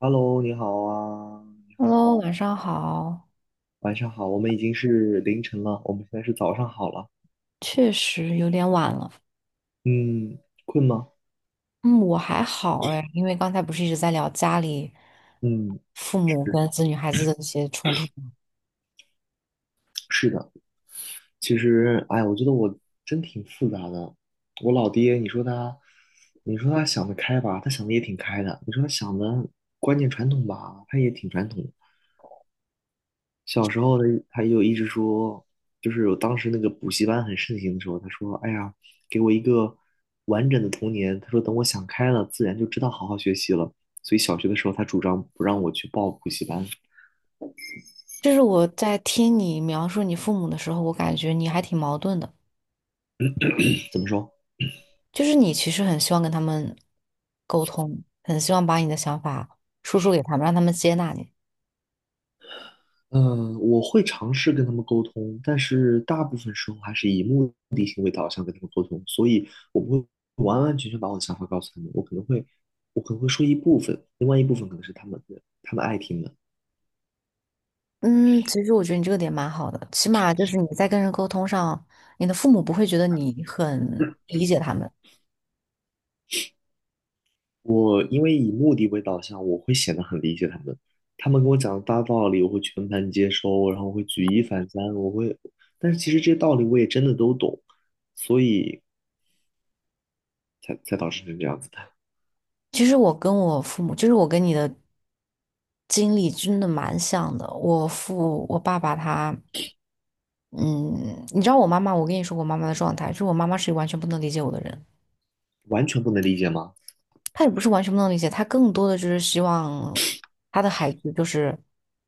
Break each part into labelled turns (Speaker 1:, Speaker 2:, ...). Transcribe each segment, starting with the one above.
Speaker 1: Hello，你好啊，你好
Speaker 2: Hello，
Speaker 1: 啊，
Speaker 2: 晚上好。
Speaker 1: 晚上好，我们已经是凌晨了，我们现在是早上好了。
Speaker 2: 确实有点晚了。
Speaker 1: 嗯，困吗？
Speaker 2: 嗯，我还好哎，因为刚才不是一直在聊家里
Speaker 1: 嗯，
Speaker 2: 父母
Speaker 1: 是
Speaker 2: 跟子女孩子的一些冲突吗？
Speaker 1: 是的，其实，哎，我觉得我真挺复杂的。我老爹，你说他，你说他想得开吧，他想的也挺开的；你说他想的观念传统吧，他也挺传统的。小时候呢，他就一直说，就是我当时那个补习班很盛行的时候，他说：“哎呀，给我一个完整的童年。”他说：“等我想开了，自然就知道好好学习了。”所以小学的时候，他主张不让我去报补习班。
Speaker 2: 就是我在听你描述你父母的时候，我感觉你还挺矛盾的。
Speaker 1: 怎么说？
Speaker 2: 就是你其实很希望跟他们沟通，很希望把你的想法输出给他们，让他们接纳你。
Speaker 1: 嗯，我会尝试跟他们沟通，但是大部分时候还是以目的性为导向跟他们沟通，所以我不会完完全全把我的想法告诉他们，我可能会，我可能会说一部分，另外一部分可能是他们的，他们爱听的。
Speaker 2: 嗯，其实我觉得你这个点蛮好的，起码就是你在跟人沟通上，你的父母不会觉得你很理解他们。
Speaker 1: 我因为以目的为导向，我会显得很理解他们。他们跟我讲的大道理，我会全盘接收，然后我会举一反三，我会，但是其实这些道理我也真的都懂，所以才导致成这样子的，
Speaker 2: 其实我跟我父母，就是我跟你的经历真的蛮像的。我爸爸他，嗯，你知道我妈妈，我跟你说我妈妈的状态，就是我妈妈是完全不能理解我的人，
Speaker 1: 完全不能理解吗？
Speaker 2: 她也不是完全不能理解，她更多的就是希望她的孩子就是，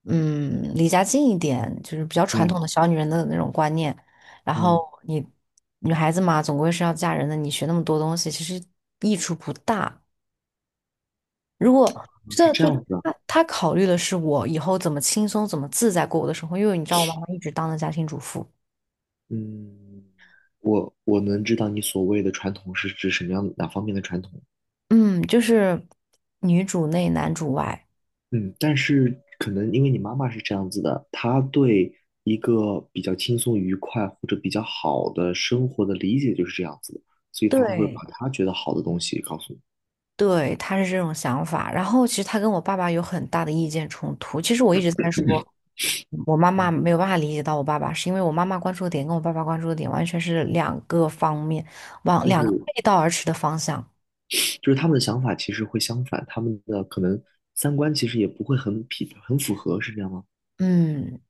Speaker 2: 离家近一点，就是比较传
Speaker 1: 嗯
Speaker 2: 统的小女人的那种观念。然后
Speaker 1: 嗯，
Speaker 2: 你女孩子嘛，总归是要嫁人的，你学那么多东西，其实益处不大。如果
Speaker 1: 是
Speaker 2: 这
Speaker 1: 这
Speaker 2: 就
Speaker 1: 样子的，
Speaker 2: 他他考虑的是我以后怎么轻松、怎么自在过我的生活，因为你知道我妈妈一直当的家庭主妇，
Speaker 1: 嗯，我能知道你所谓的传统是指什么样哪方面的传统？
Speaker 2: 嗯，就是女主内男主外，
Speaker 1: 嗯，但是可能因为你妈妈是这样子的，她对一个比较轻松愉快或者比较好的生活的理解就是这样子的，所以她才会
Speaker 2: 对，
Speaker 1: 把她觉得好的东西告诉你。
Speaker 2: 对，他是这种想法。然后其实他跟我爸爸有很大的意见冲突。其实我一直在说，我妈妈
Speaker 1: 嗯，
Speaker 2: 没有办法理解到我爸爸，是因为我妈妈关注的点跟我爸爸关注的点完全是两个方面，往
Speaker 1: 就
Speaker 2: 两个
Speaker 1: 是
Speaker 2: 背道而驰的方向。
Speaker 1: 就是他们的想法其实会相反，他们的可能三观其实也不会很符合，是这样吗？
Speaker 2: 嗯，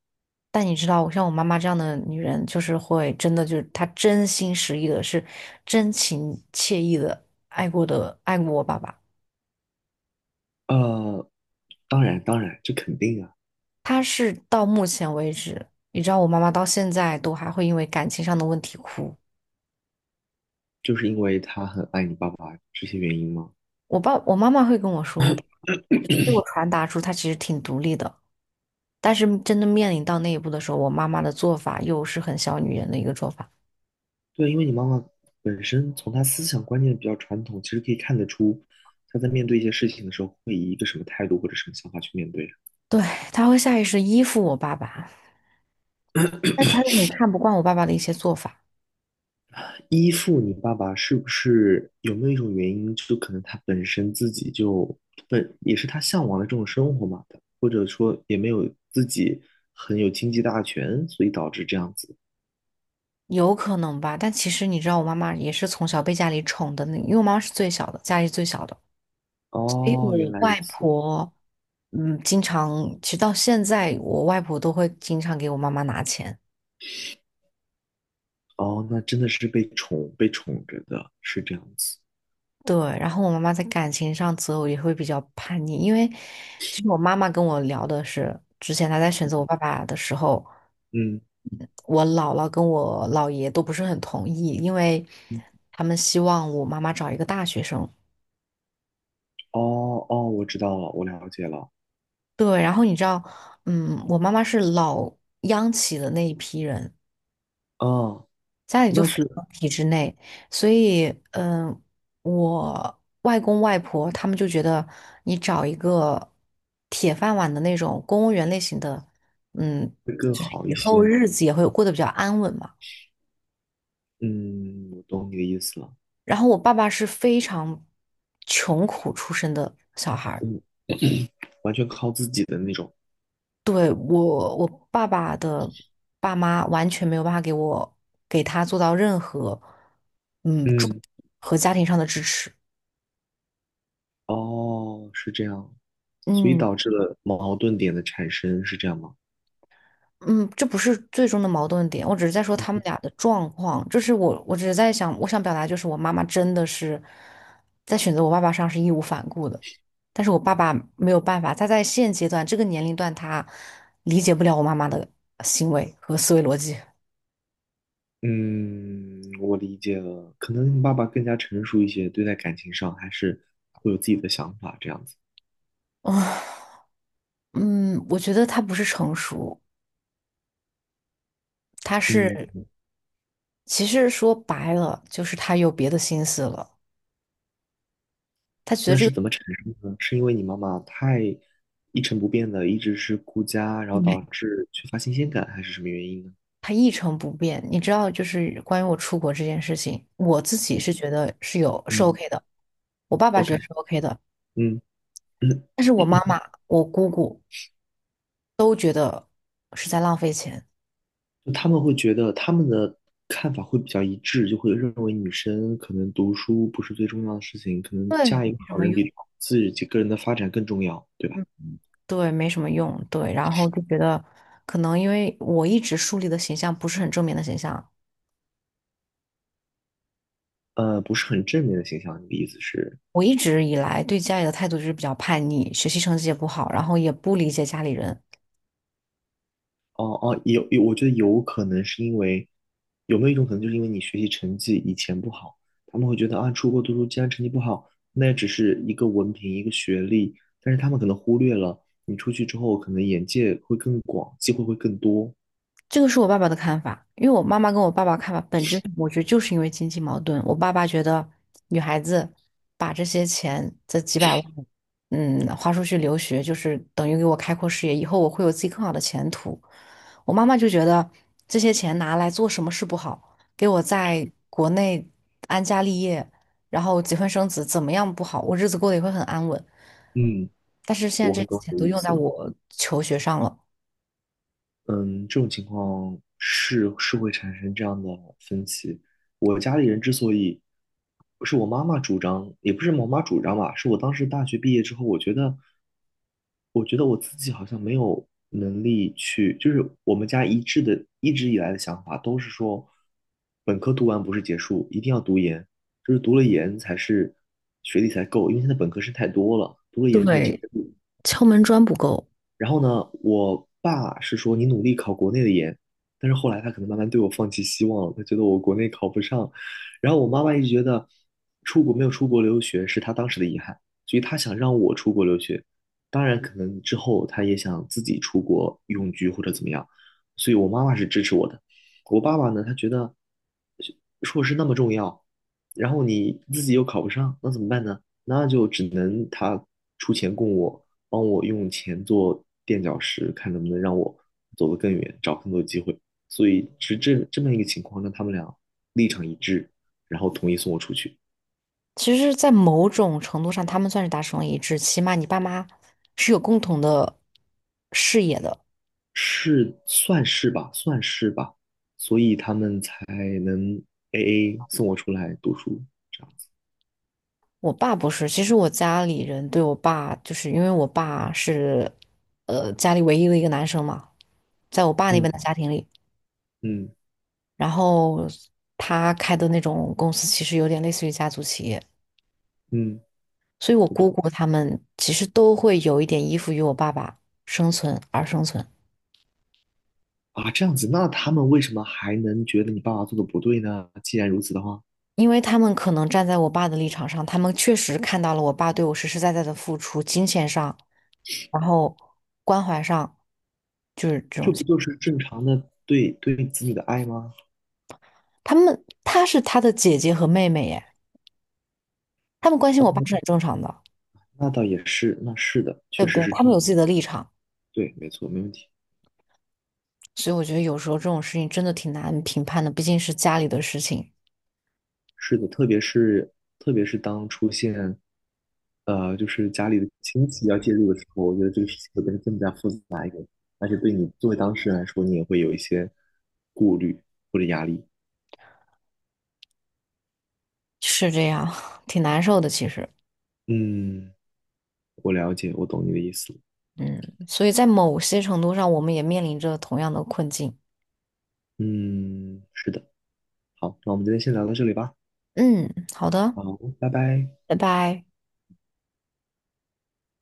Speaker 2: 但你知道，像我妈妈这样的女人，就是会真的就是她真心实意的，是真情切意的爱过我爸爸。
Speaker 1: 呃，当然当然，这肯定啊，
Speaker 2: 她是到目前为止，你知道我妈妈到现在都还会因为感情上的问题哭。
Speaker 1: 就是因为他很爱你爸爸这些原因吗？
Speaker 2: 我妈妈会跟我说，给我传达出她其实挺独立的，但是真的面临到那一步的时候，我妈妈的做法又是很小女人的一个做法。
Speaker 1: 对，因为你妈妈本身从她思想观念比较传统，其实可以看得出她在面对一些事情的时候会以一个什么态度或者什么想法去面对。
Speaker 2: 对，她会下意识地依附我爸爸，但她又很看不惯我爸爸的一些做法。
Speaker 1: 依附你爸爸是不是有没有一种原因，就可能他本身自己就本也是他向往的这种生活嘛的，或者说也没有自己很有经济大权，所以导致这样子。
Speaker 2: 有可能吧，但其实你知道，我妈妈也是从小被家里宠的那，因为我妈妈是最小的，家里最小的。所以
Speaker 1: 哦，原
Speaker 2: 我
Speaker 1: 来如
Speaker 2: 外
Speaker 1: 此。
Speaker 2: 婆，经常，其实到现在，我外婆都会经常给我妈妈拿钱。
Speaker 1: 哦，那真的是被宠着的，是这样子。
Speaker 2: 对，然后我妈妈在感情上择偶也会比较叛逆，因为其实我妈妈跟我聊的是，之前她在选择我爸爸的时候，
Speaker 1: 嗯，
Speaker 2: 嗯我姥姥跟我姥爷都不是很同意，因为
Speaker 1: 嗯
Speaker 2: 他们希望我妈妈找一个大学生。
Speaker 1: 哦哦，我知道了，我了解了。
Speaker 2: 对，然后你知道，我妈妈是老央企的那一批人，
Speaker 1: 哦，
Speaker 2: 家里就
Speaker 1: 那
Speaker 2: 非
Speaker 1: 是
Speaker 2: 常体制内，所以，我外公外婆他们就觉得你找一个铁饭碗的那种公务员类型的，嗯，
Speaker 1: 会更
Speaker 2: 就是
Speaker 1: 好
Speaker 2: 以
Speaker 1: 一
Speaker 2: 后
Speaker 1: 些。
Speaker 2: 日子也会过得比较安稳嘛。
Speaker 1: 嗯，我懂你的意思了。
Speaker 2: 然后我爸爸是非常穷苦出身的小孩儿。
Speaker 1: 嗯，完全靠自己的那种。
Speaker 2: 对，我爸爸的爸妈完全没有办法给我给他做到任何，嗯，助
Speaker 1: 嗯，
Speaker 2: 和家庭上的支持。
Speaker 1: 哦，是这样，所以
Speaker 2: 嗯
Speaker 1: 导致了矛盾点的产生，是这样吗？
Speaker 2: 嗯，这不是最终的矛盾点，我只是在说他们俩的状况。就是我只是在想，我想表达就是我妈妈真的是在选择我爸爸上是义无反顾的，但是我爸爸没有办法，他在现阶段这个年龄段，他理解不了我妈妈的行为和思维逻辑。
Speaker 1: 嗯，嗯我理解了。可能你爸爸更加成熟一些，对待感情上还是会有自己的想法这样子。
Speaker 2: 啊，嗯，我觉得他不是成熟。他
Speaker 1: 嗯，
Speaker 2: 是其实说白了，就是他有别的心思了。他觉得
Speaker 1: 那
Speaker 2: 这
Speaker 1: 是
Speaker 2: 个
Speaker 1: 怎么产生的呢？是因为你妈妈太一成不变的，一直是顾家，然后导致缺乏新鲜感，还是什么原因呢？
Speaker 2: 他一成不变。你知道，就是关于我出国这件事情，我自己
Speaker 1: 嗯
Speaker 2: 是觉得是
Speaker 1: 嗯
Speaker 2: OK 的，我爸爸
Speaker 1: ，OK,
Speaker 2: 觉得是 OK 的，
Speaker 1: 嗯。
Speaker 2: 但是
Speaker 1: 就
Speaker 2: 我妈妈、我姑姑都觉得是在浪费钱，
Speaker 1: 他们会觉得他们的看法会比较一致，就会认为女生可能读书不是最重要的事情，可能
Speaker 2: 对，
Speaker 1: 嫁一个
Speaker 2: 没什
Speaker 1: 好
Speaker 2: 么
Speaker 1: 人
Speaker 2: 用。
Speaker 1: 比自己个人的发展更重要，对吧？
Speaker 2: 嗯，对，没什么用。对，然后就觉得可能因为我一直树立的形象不是很正面的形象。
Speaker 1: 不是很正面的形象。你的意思是，
Speaker 2: 我一直以来对家里的态度就是比较叛逆，学习成绩也不好，然后也不理解家里人，
Speaker 1: 哦哦，有有，我觉得有可能是因为有没有一种可能，就是因为你学习成绩以前不好，他们会觉得啊，出国读书既然成绩不好，那也只是一个文凭一个学历，但是他们可能忽略了你出去之后，可能眼界会更广，机会会更多。
Speaker 2: 这个是我爸爸的看法，因为我妈妈跟我爸爸看法本质上我觉得就是因为经济矛盾。我爸爸觉得女孩子把这些钱，这几百万，嗯，花出去留学，就是等于给我开阔视野，以后我会有自己更好的前途。我妈妈就觉得这些钱拿来做什么事不好，给我在国内安家立业，然后结婚生子，怎么样不好，我日子过得也会很安稳。
Speaker 1: 嗯，
Speaker 2: 但是现
Speaker 1: 我
Speaker 2: 在
Speaker 1: 很
Speaker 2: 这些
Speaker 1: 懂
Speaker 2: 钱
Speaker 1: 你的
Speaker 2: 都
Speaker 1: 意
Speaker 2: 用在
Speaker 1: 思了。
Speaker 2: 我求学上了，
Speaker 1: 嗯，这种情况是会产生这样的分歧。我家里人之所以，是我妈妈主张，也不是我妈主张吧，是我当时大学毕业之后，我觉得，我觉得我自己好像没有能力去，就是我们家一致的，一直以来的想法都是说，本科读完不是结束，一定要读研，就是读了研才是学历才够，因为现在本科生太多了，读了研才有竞
Speaker 2: 对，
Speaker 1: 争力。
Speaker 2: 敲门砖不够。
Speaker 1: 然后呢，我爸是说你努力考国内的研，但是后来他可能慢慢对我放弃希望了，他觉得我国内考不上。然后我妈妈一直觉得出国没有出国留学是她当时的遗憾，所以她想让我出国留学。当然，可能之后她也想自己出国永居或者怎么样，所以我妈妈是支持我的。我爸爸呢，他觉得硕士那么重要，然后你自己又考不上，那怎么办呢？那就只能他出钱供我。帮我用钱做垫脚石，看能不能让我走得更远，找更多机会。所以是这么一个情况，让他们俩立场一致，然后同意送我出去，
Speaker 2: 其实，在某种程度上，他们算是达成了一致，起码你爸妈是有共同的视野的。
Speaker 1: 是算是吧，算是吧。所以他们才能 AA 送我出来读书这样子。
Speaker 2: 我爸不是，其实我家里人对我爸，就是因为我爸是，家里唯一的一个男生嘛，在我爸那边的
Speaker 1: 嗯
Speaker 2: 家庭里，
Speaker 1: 嗯
Speaker 2: 然后他开的那种公司其实有点类似于家族企业，
Speaker 1: 嗯，
Speaker 2: 所以我
Speaker 1: 我懂
Speaker 2: 姑姑他们其实都会有一点依附于我爸爸生存而生存。
Speaker 1: 啊，这样子，那他们为什么还能觉得你爸爸做的不对呢？既然如此的话，
Speaker 2: 因为他们可能站在我爸的立场上，他们确实看到了我爸对我实实在在的付出，金钱上，然后关怀上，
Speaker 1: 这不就是正常的对子女的爱吗？啊
Speaker 2: 他们是他的姐姐和妹妹耶，他们关心我爸是很正常的，
Speaker 1: 那倒也是，那是的，
Speaker 2: 对
Speaker 1: 确
Speaker 2: 不
Speaker 1: 实
Speaker 2: 对？
Speaker 1: 是
Speaker 2: 他
Speaker 1: 这
Speaker 2: 们
Speaker 1: 样
Speaker 2: 有
Speaker 1: 的。
Speaker 2: 自己的立场，
Speaker 1: 对，没错，没问题。
Speaker 2: 所以我觉得有时候这种事情真的挺难评判的，毕竟是家里的事情，
Speaker 1: 是的，特别是当出现就是家里的亲戚要介入的时候，我觉得这个事情会变得更加复杂一点，而且对你作为当事人来说，你也会有一些顾虑或者压力。
Speaker 2: 是这样，挺难受的其实，
Speaker 1: 嗯，我了解，我懂你的意思。
Speaker 2: 嗯，所以在某些程度上，我们也面临着同样的困境，
Speaker 1: 嗯，是的。好，那我们今天先聊到这里吧。
Speaker 2: 嗯，好的，
Speaker 1: 好，拜拜。
Speaker 2: 拜拜。